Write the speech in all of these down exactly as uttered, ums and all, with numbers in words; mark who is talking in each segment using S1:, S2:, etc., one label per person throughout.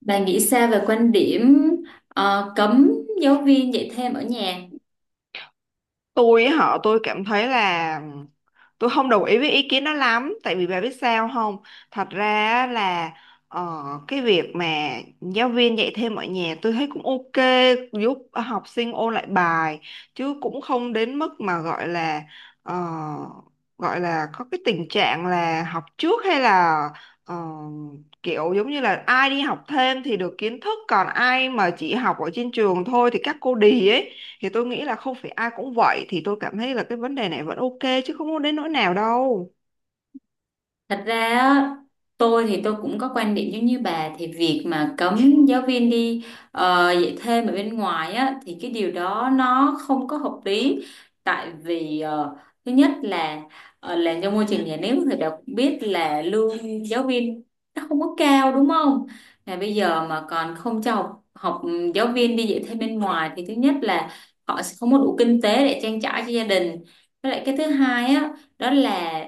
S1: Bà nghĩ sao về quan điểm ờ, cấm giáo viên dạy thêm ở nhà?
S2: Tôi á họ tôi cảm thấy là tôi không đồng ý với ý kiến đó lắm, tại vì bà biết sao không? Thật ra á là ờ, cái việc mà giáo viên dạy thêm ở nhà tôi thấy cũng ok, giúp học sinh ôn lại bài, chứ cũng không đến mức mà gọi là, ờ, gọi là có cái tình trạng là học trước, hay là ờ, kiểu giống như là ai đi học thêm thì được kiến thức, còn ai mà chỉ học ở trên trường thôi thì các cô đì ấy. Thì tôi nghĩ là không phải ai cũng vậy, thì tôi cảm thấy là cái vấn đề này vẫn ok chứ không có đến nỗi nào đâu.
S1: Thật ra á, tôi thì tôi cũng có quan điểm giống như bà thì việc mà cấm giáo viên đi ờ, dạy thêm ở bên ngoài á thì cái điều đó nó không có hợp lý, tại vì ờ, thứ nhất là ờ, làm trong môi trường nhà nước thì đã cũng biết là lương giáo viên nó không có cao đúng không? Là bây giờ mà còn không cho học, học giáo viên đi dạy thêm bên ngoài thì thứ nhất là họ sẽ không có đủ kinh tế để trang trải cho gia đình. Với lại cái thứ hai á, đó là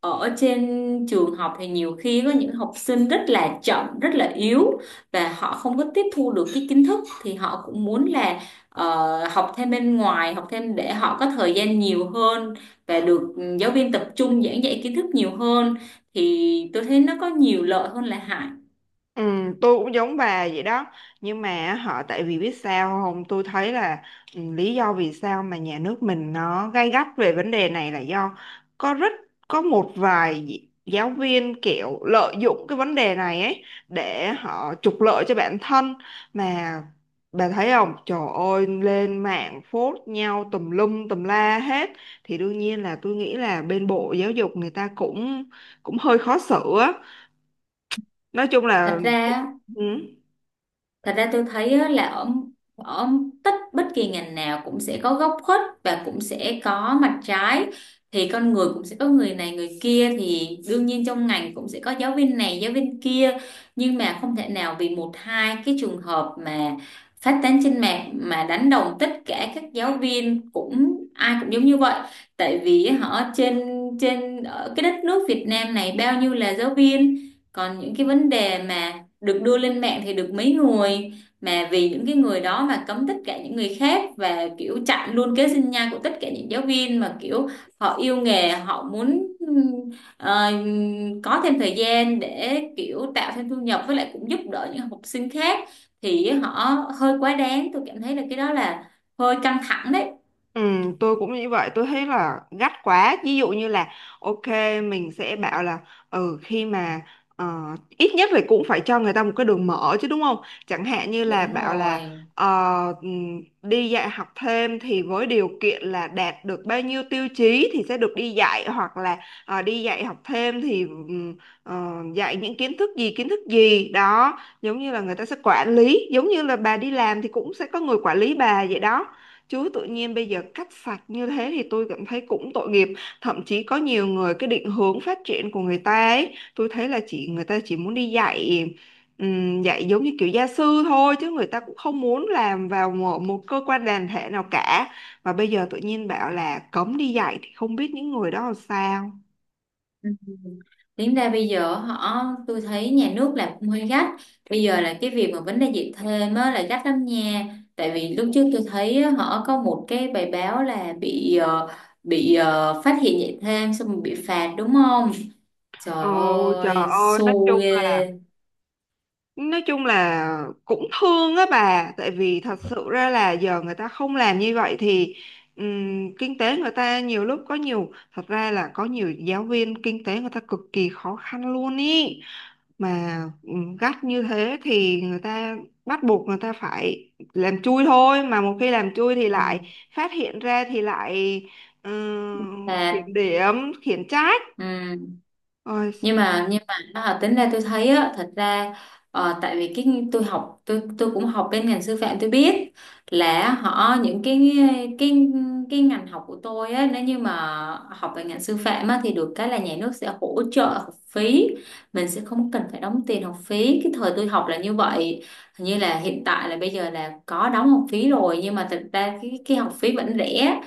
S1: ở trên trường học thì nhiều khi có những học sinh rất là chậm rất là yếu và họ không có tiếp thu được cái kiến thức thì họ cũng muốn là ờ, học thêm bên ngoài, học thêm để họ có thời gian nhiều hơn và được ừ, giáo viên tập trung giảng dạy kiến thức nhiều hơn, thì tôi thấy nó có nhiều lợi hơn là hại.
S2: Ừ, tôi cũng giống bà vậy đó, nhưng mà họ tại vì biết sao không, tôi thấy là ừ, lý do vì sao mà nhà nước mình nó gay gắt về vấn đề này là do có rất, có một vài gi- giáo viên kiểu lợi dụng cái vấn đề này ấy để họ trục lợi cho bản thân. Mà bà thấy không, trời ơi lên mạng phốt nhau tùm lum tùm la hết, thì đương nhiên là tôi nghĩ là bên bộ giáo dục người ta cũng cũng hơi khó xử á. Nói chung
S1: thật
S2: là
S1: ra
S2: ừ.
S1: Thật ra tôi thấy á, là ở ở tất bất kỳ ngành nào cũng sẽ có góc khuất và cũng sẽ có mặt trái, thì con người cũng sẽ có người này người kia thì đương nhiên trong ngành cũng sẽ có giáo viên này giáo viên kia, nhưng mà không thể nào vì một hai cái trường hợp mà phát tán trên mạng mà đánh đồng tất cả các giáo viên cũng ai cũng giống như vậy, tại vì họ trên trên ở cái đất nước Việt Nam này bao nhiêu là giáo viên, còn những cái vấn đề mà được đưa lên mạng thì được mấy người, mà vì những cái người đó mà cấm tất cả những người khác và kiểu chặn luôn kế sinh nhai của tất cả những giáo viên mà kiểu họ yêu nghề, họ muốn ừm, ờ, có thêm thời gian để kiểu tạo thêm thu nhập, với lại cũng giúp đỡ những học sinh khác, thì họ hơi quá đáng, tôi cảm thấy là cái đó là hơi căng thẳng đấy.
S2: Ừ, tôi cũng như vậy, tôi thấy là gắt quá. Ví dụ như là ok, mình sẽ bảo là ừ, khi mà ờ, ít nhất là cũng phải cho người ta một cái đường mở chứ, đúng không? Chẳng hạn như là
S1: Đúng
S2: bảo là
S1: rồi.
S2: ờ, ừm, đi dạy học thêm thì với điều kiện là đạt được bao nhiêu tiêu chí thì sẽ được đi dạy, hoặc là ờ, đi dạy học thêm thì ừm, ờ, dạy những kiến thức gì kiến thức gì đó, giống như là người ta sẽ quản lý, giống như là bà đi làm thì cũng sẽ có người quản lý bà vậy đó. Chứ tự nhiên bây giờ cắt sạch như thế thì tôi cảm thấy cũng tội nghiệp. Thậm chí có nhiều người, cái định hướng phát triển của người ta ấy, tôi thấy là chỉ người ta chỉ muốn đi dạy ừm, dạy giống như kiểu gia sư thôi, chứ người ta cũng không muốn làm vào một, một cơ quan đoàn thể nào cả. Và bây giờ tự nhiên bảo là cấm đi dạy thì không biết những người đó làm sao.
S1: Ừ. Tính ra bây giờ họ tôi thấy nhà nước làm cũng hơi gắt, bây giờ là cái việc mà vấn đề dạy thêm á, là gắt lắm nha, tại vì lúc trước tôi thấy á, họ có một cái bài báo là bị ờ, bị ờ, phát hiện dạy thêm xong rồi bị phạt đúng không,
S2: Ồ,
S1: trời
S2: trời
S1: ơi
S2: ơi, nói
S1: xu
S2: chung là,
S1: ghê.
S2: nói chung là cũng thương á bà, tại vì thật sự ra là giờ người ta không làm như vậy thì ừm, kinh tế người ta nhiều lúc có nhiều, thật ra là có nhiều giáo viên kinh tế người ta cực kỳ khó khăn luôn ý. Mà ừm, gắt như thế thì người ta bắt buộc người ta phải làm chui thôi, mà một khi làm chui thì lại
S1: Ừ.
S2: phát hiện ra thì lại ừm,
S1: Phạt.
S2: kiểm điểm, khiển trách.
S1: Ừ.
S2: Ôi,
S1: nhưng mà nhưng mà à, tính ra tôi thấy á, thật ra ờ, tại vì cái tôi học tôi tôi cũng học bên ngành sư phạm tôi biết là họ những cái cái cái ngành học của tôi á, nếu như mà học về ngành sư phạm á thì được cái là nhà nước sẽ hỗ trợ học phí, mình sẽ không cần phải đóng tiền học phí, cái thời tôi học là như vậy, hình như là hiện tại là bây giờ là có đóng học phí rồi nhưng mà thật ra cái cái học phí vẫn rẻ.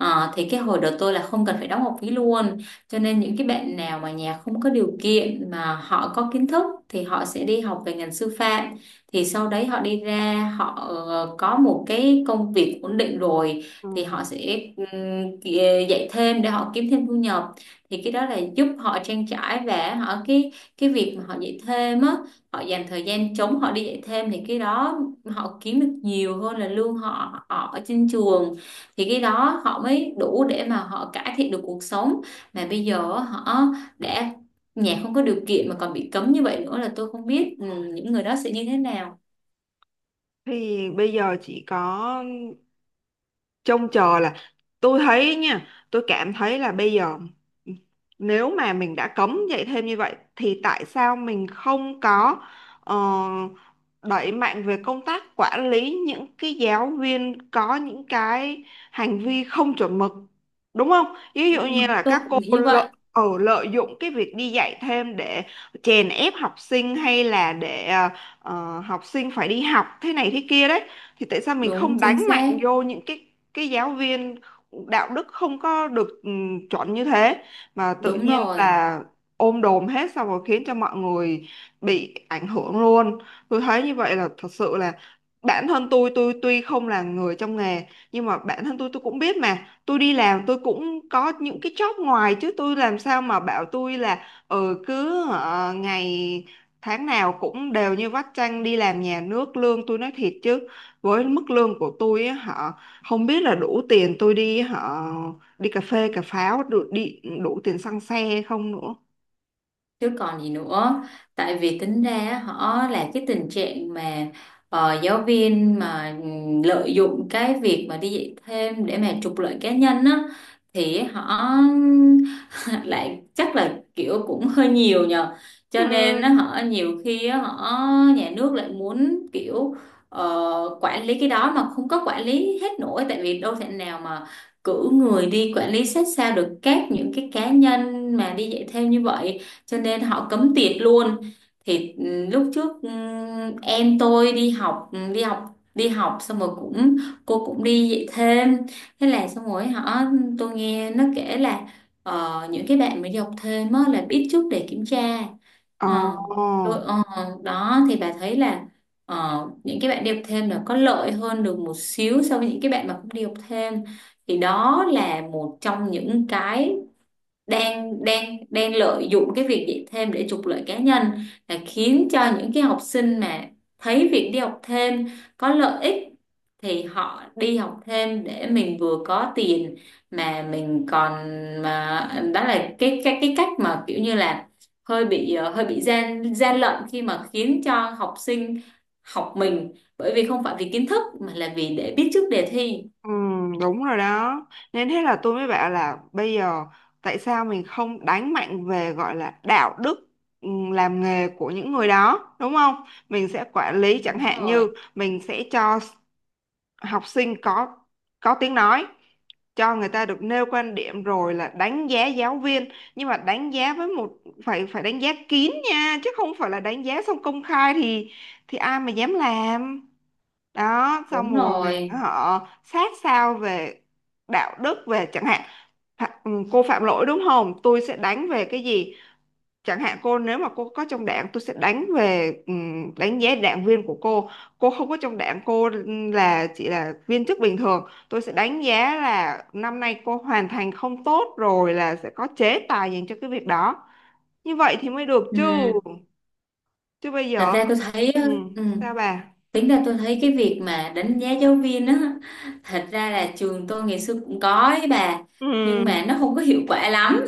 S1: Ờ, thì cái hồi đó tôi là không cần phải đóng học phí luôn, cho nên những cái bạn nào mà nhà không có điều kiện mà họ có kiến thức thì họ sẽ đi học về ngành sư phạm. Thì sau đấy họ đi ra họ ờ, có một cái công việc ổn định rồi thì họ
S2: ừm,
S1: sẽ ừm, ki- dạy thêm để họ kiếm thêm thu nhập. Thì cái đó là giúp họ trang trải, và họ cái cái việc mà họ dạy thêm á, họ dành thời gian trống họ đi dạy thêm thì cái đó họ kiếm được nhiều hơn là lương họ họ ở trên trường. Thì cái đó họ mới đủ để mà họ cải thiện được cuộc sống, mà bây giờ họ đã nhà không có điều kiện mà còn bị cấm như vậy nữa là tôi không biết ừ, những người đó sẽ như thế nào.
S2: thì bây giờ chỉ có trông chờ là, tôi thấy nha, tôi cảm thấy là bây giờ nếu mà mình đã cấm dạy thêm như vậy thì tại sao mình không có ờ, đẩy mạnh về công tác quản lý những cái giáo viên có những cái hành vi không chuẩn mực, đúng không? Ví
S1: Ừ.
S2: dụ như là
S1: Tôi
S2: các cô
S1: cũng nghĩ như
S2: lợi,
S1: vậy.
S2: ờ, lợi dụng cái việc đi dạy thêm để chèn ép học sinh, hay là để ờ, ờ, học sinh phải đi học thế này thế kia đấy. Thì tại sao mình
S1: Đúng
S2: không
S1: chính
S2: đánh
S1: xác.
S2: mạnh vô những cái cái giáo viên đạo đức không có được ừ, chuẩn như thế, mà tự
S1: Đúng
S2: nhiên
S1: rồi.
S2: là ôm đồm hết xong rồi khiến cho mọi người bị ảnh hưởng luôn. Tôi thấy như vậy là thật sự là, bản thân tôi tôi tuy không là người trong nghề, nhưng mà bản thân tôi tôi cũng biết, mà tôi đi làm tôi cũng có những cái job ngoài chứ, tôi làm sao mà bảo tôi là ừ cứ ờ, ngày tháng nào cũng đều như vắt chanh đi làm nhà nước, lương tôi nói thiệt chứ, với mức lương của tôi á hả, không biết là đủ tiền tôi đi họ đi cà phê cà pháo, đủ, đi đủ tiền xăng xe không nữa.
S1: Chứ còn gì nữa, tại vì tính ra á, họ là cái tình trạng mà ờ, giáo viên mà ừm, lợi dụng cái việc mà đi dạy thêm để mà trục lợi cá nhân á, thì họ lại chắc là kiểu cũng hơi nhiều nhờ,
S2: Ừ.
S1: cho nên á, họ nhiều khi á, họ nhà nước lại muốn kiểu ờ, quản lý cái đó mà không có quản lý hết nổi, tại vì đâu thể nào mà cử người đi quản lý sát sao được các những cái cá nhân mà đi dạy thêm như vậy, cho nên họ cấm tiệc luôn. Thì ừ, lúc trước ừ, em tôi đi học ừ, đi học, đi học xong rồi cũng cô cũng đi dạy thêm, thế là xong rồi họ tôi nghe nó kể là ờ, những cái bạn mới đi học thêm á là biết trước để kiểm tra.
S2: Ồ,
S1: Ờ, tôi ờ, đó thì bà thấy là ờ, những cái bạn đi học thêm là có lợi hơn được một xíu so với những cái bạn mà không đi học thêm, thì đó là một trong những cái đang đang đang lợi dụng cái việc dạy thêm để trục lợi cá nhân, là khiến cho những cái học sinh mà thấy việc đi học thêm có lợi ích thì họ đi học thêm để mình vừa có tiền mà mình còn, mà đó là cái cái cái cách mà kiểu như là hơi bị ờ, hơi bị gian gian lận khi mà khiến cho học sinh học mình bởi vì không phải vì kiến thức mà là vì để biết trước đề thi.
S2: ừ, đúng rồi đó. Nên thế là tôi mới bảo là bây giờ tại sao mình không đánh mạnh về gọi là đạo đức ừ, làm nghề của những người đó, đúng không? Mình sẽ quản lý, chẳng
S1: Đúng
S2: hạn
S1: rồi.
S2: như mình sẽ cho học sinh có có tiếng nói, cho người ta được nêu quan điểm rồi là đánh giá giáo viên, nhưng mà đánh giá với một, phải phải đánh giá kín nha, chứ không phải là đánh giá xong công khai thì thì ai mà dám làm. Đó xong
S1: Đúng
S2: rồi mình
S1: rồi.
S2: họ sát sao về đạo đức, về chẳng hạn Phạ- ừ, cô phạm lỗi đúng không, tôi sẽ đánh về cái gì. Chẳng hạn cô nếu mà cô có trong đảng, tôi sẽ đánh về ừm, đánh giá đảng viên của cô. Cô không có trong đảng, cô là chỉ là viên chức bình thường, tôi sẽ đánh giá là năm nay cô hoàn thành không tốt, rồi là sẽ có chế tài dành cho cái việc đó. Như vậy thì mới được
S1: Ừ.
S2: chứ. Chứ bây
S1: Thật
S2: giờ
S1: ra tôi thấy.
S2: ừm,
S1: Ừ.
S2: sao bà?
S1: Tính ra tôi thấy cái việc mà đánh giá giáo viên á, thật ra là trường tôi ngày xưa cũng có ấy bà,
S2: Ừ,
S1: nhưng mà nó không có hiệu quả lắm.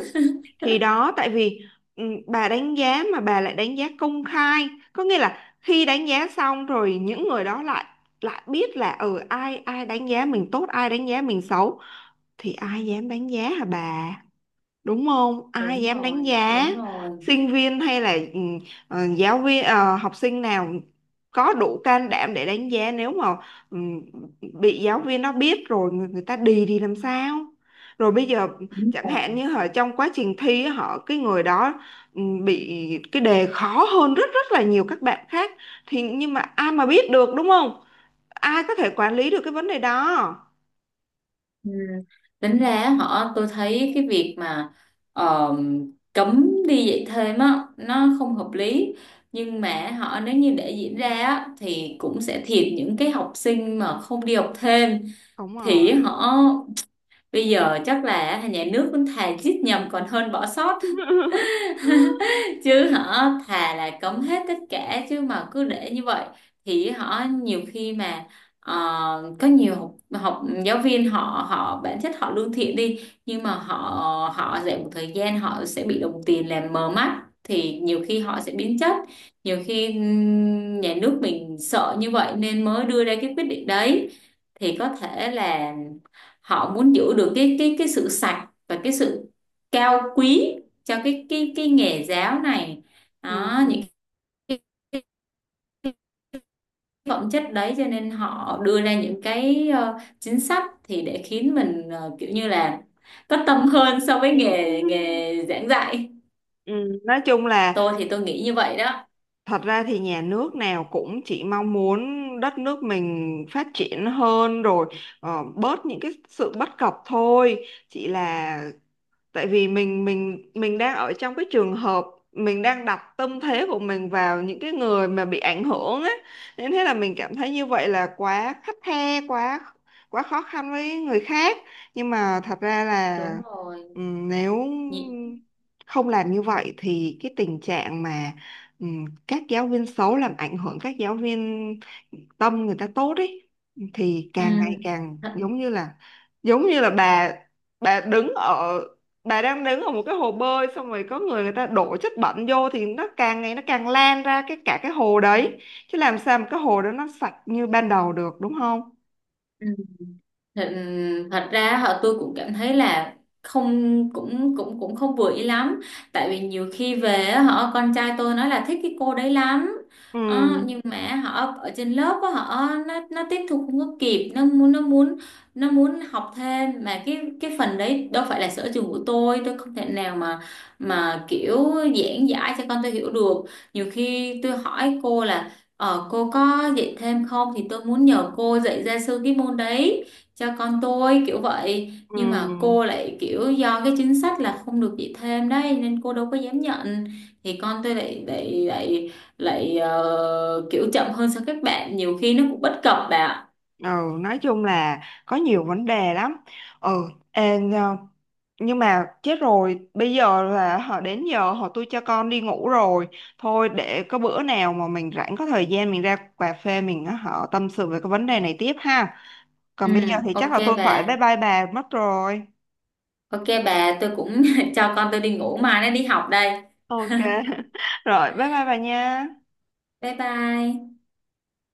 S2: thì đó tại vì ừ, bà đánh giá mà bà lại đánh giá công khai, có nghĩa là khi đánh giá xong rồi những người đó lại, lại biết là ở ừ, ai ai đánh giá mình tốt, ai đánh giá mình xấu, thì ai dám đánh giá hả bà? Đúng không, ai
S1: Đúng
S2: dám đánh
S1: rồi,
S2: giá.
S1: đúng rồi.
S2: Sinh viên hay là ừ, ờ, giáo viên ờ, học sinh nào có đủ can đảm để đánh giá nếu mà ừ, bị giáo viên nó biết rồi, người, người ta đì thì làm sao. Rồi bây giờ
S1: Đúng
S2: chẳng
S1: rồi.
S2: hạn như họ trong quá trình thi á, họ cái người đó ừ, bị cái đề khó hơn rất rất là nhiều các bạn khác, thì nhưng mà ai mà biết được, đúng không? Ai có thể quản lý được cái vấn đề đó.
S1: Ừ. Tính ra họ tôi thấy cái việc mà ờ, cấm đi dạy thêm á, nó không hợp lý. Nhưng mà họ nếu như để diễn ra á, thì cũng sẽ thiệt những cái học sinh mà không đi học thêm.
S2: Đúng rồi.
S1: Thì họ bây giờ chắc là nhà nước cũng thà giết nhầm còn hơn bỏ sót. Chứ họ thà là cấm hết tất cả chứ mà cứ để như vậy thì họ nhiều khi mà ờ, có nhiều học, học giáo viên họ họ bản chất họ lương thiện đi, nhưng mà họ họ dạy một thời gian họ sẽ bị đồng tiền làm mờ mắt thì nhiều khi họ sẽ biến chất, nhiều khi ừm, nhà nước mình sợ như vậy nên mới đưa ra cái quyết định đấy, thì có thể là họ muốn giữ được cái cái cái sự sạch và cái sự cao quý cho cái cái cái nghề giáo này,
S2: Ừ.
S1: đó những cái cái phẩm chất đấy cho nên họ đưa ra những cái ờ, chính sách thì để khiến mình ờ, kiểu như là có tâm hơn so với
S2: Ừ.
S1: nghề nghề giảng dạy.
S2: Ừ, nói chung là
S1: Tôi thì tôi nghĩ như vậy đó.
S2: thật ra thì nhà nước nào cũng chỉ mong muốn đất nước mình phát triển hơn, rồi ờ, bớt những cái sự bất cập thôi. Chỉ là tại vì mình mình mình đang ở trong cái trường hợp, mình đang đặt tâm thế của mình vào những cái người mà bị ảnh hưởng á, nên thế là mình cảm thấy như vậy là quá khắt khe, quá quá khó khăn với người khác. Nhưng mà thật ra là
S1: Đúng rồi.
S2: ừm, nếu
S1: Nhị-
S2: không làm như vậy thì cái tình trạng mà ừm, các giáo viên xấu làm ảnh hưởng các giáo viên tâm người ta tốt ấy, thì
S1: ừ.
S2: càng ngày càng
S1: Thật-
S2: giống như là, giống như là bà bà đứng ở bà đang đứng ở một cái hồ bơi xong rồi có người, người ta đổ chất bẩn vô thì nó càng ngày nó càng lan ra cái cả cái hồ đấy, chứ làm sao mà cái hồ đó nó sạch như ban đầu được, đúng không?
S1: ừ. thật, Thật ra họ tôi cũng cảm thấy là không cũng cũng cũng không vừa ý lắm, tại vì nhiều khi về á, họ con trai tôi nói là thích cái cô đấy lắm.
S2: Ừ.
S1: Ờ, nhưng mà họ ở trên lớp á, họ nó nó tiếp thu không có kịp, nó muốn nó muốn nó muốn học thêm mà cái cái phần đấy đâu phải là sở trường của tôi tôi không thể nào mà mà kiểu giảng giải cho con tôi hiểu được. Nhiều khi tôi hỏi cô là ờ, cô có dạy thêm không thì tôi muốn nhờ cô dạy ra sư cái môn đấy cho con tôi kiểu vậy, nhưng mà
S2: Ừ.
S1: cô lại kiểu do cái chính sách là không được dạy thêm đấy nên cô đâu có dám nhận, thì con tôi lại lại lại lại ờ, kiểu chậm hơn so với các bạn, nhiều khi nó cũng bất cập bà ạ.
S2: Ừ, nói chung là có nhiều vấn đề lắm. Ừ. Ê, nhờ- nhưng mà chết rồi, bây giờ là họ đến giờ họ tôi cho con đi ngủ rồi. Thôi, để có bữa nào mà mình rảnh có thời gian mình ra cà phê mình họ tâm sự về cái vấn đề này tiếp ha.
S1: Ừ.
S2: Còn bây giờ thì chắc
S1: Ok
S2: là tôi phải
S1: bà.
S2: bye bye bà mất rồi.
S1: Ok bà, tôi cũng cho con tôi đi ngủ mai nó đi học đây.
S2: Ok. Rồi, bye bye bà nha.
S1: Bye bye.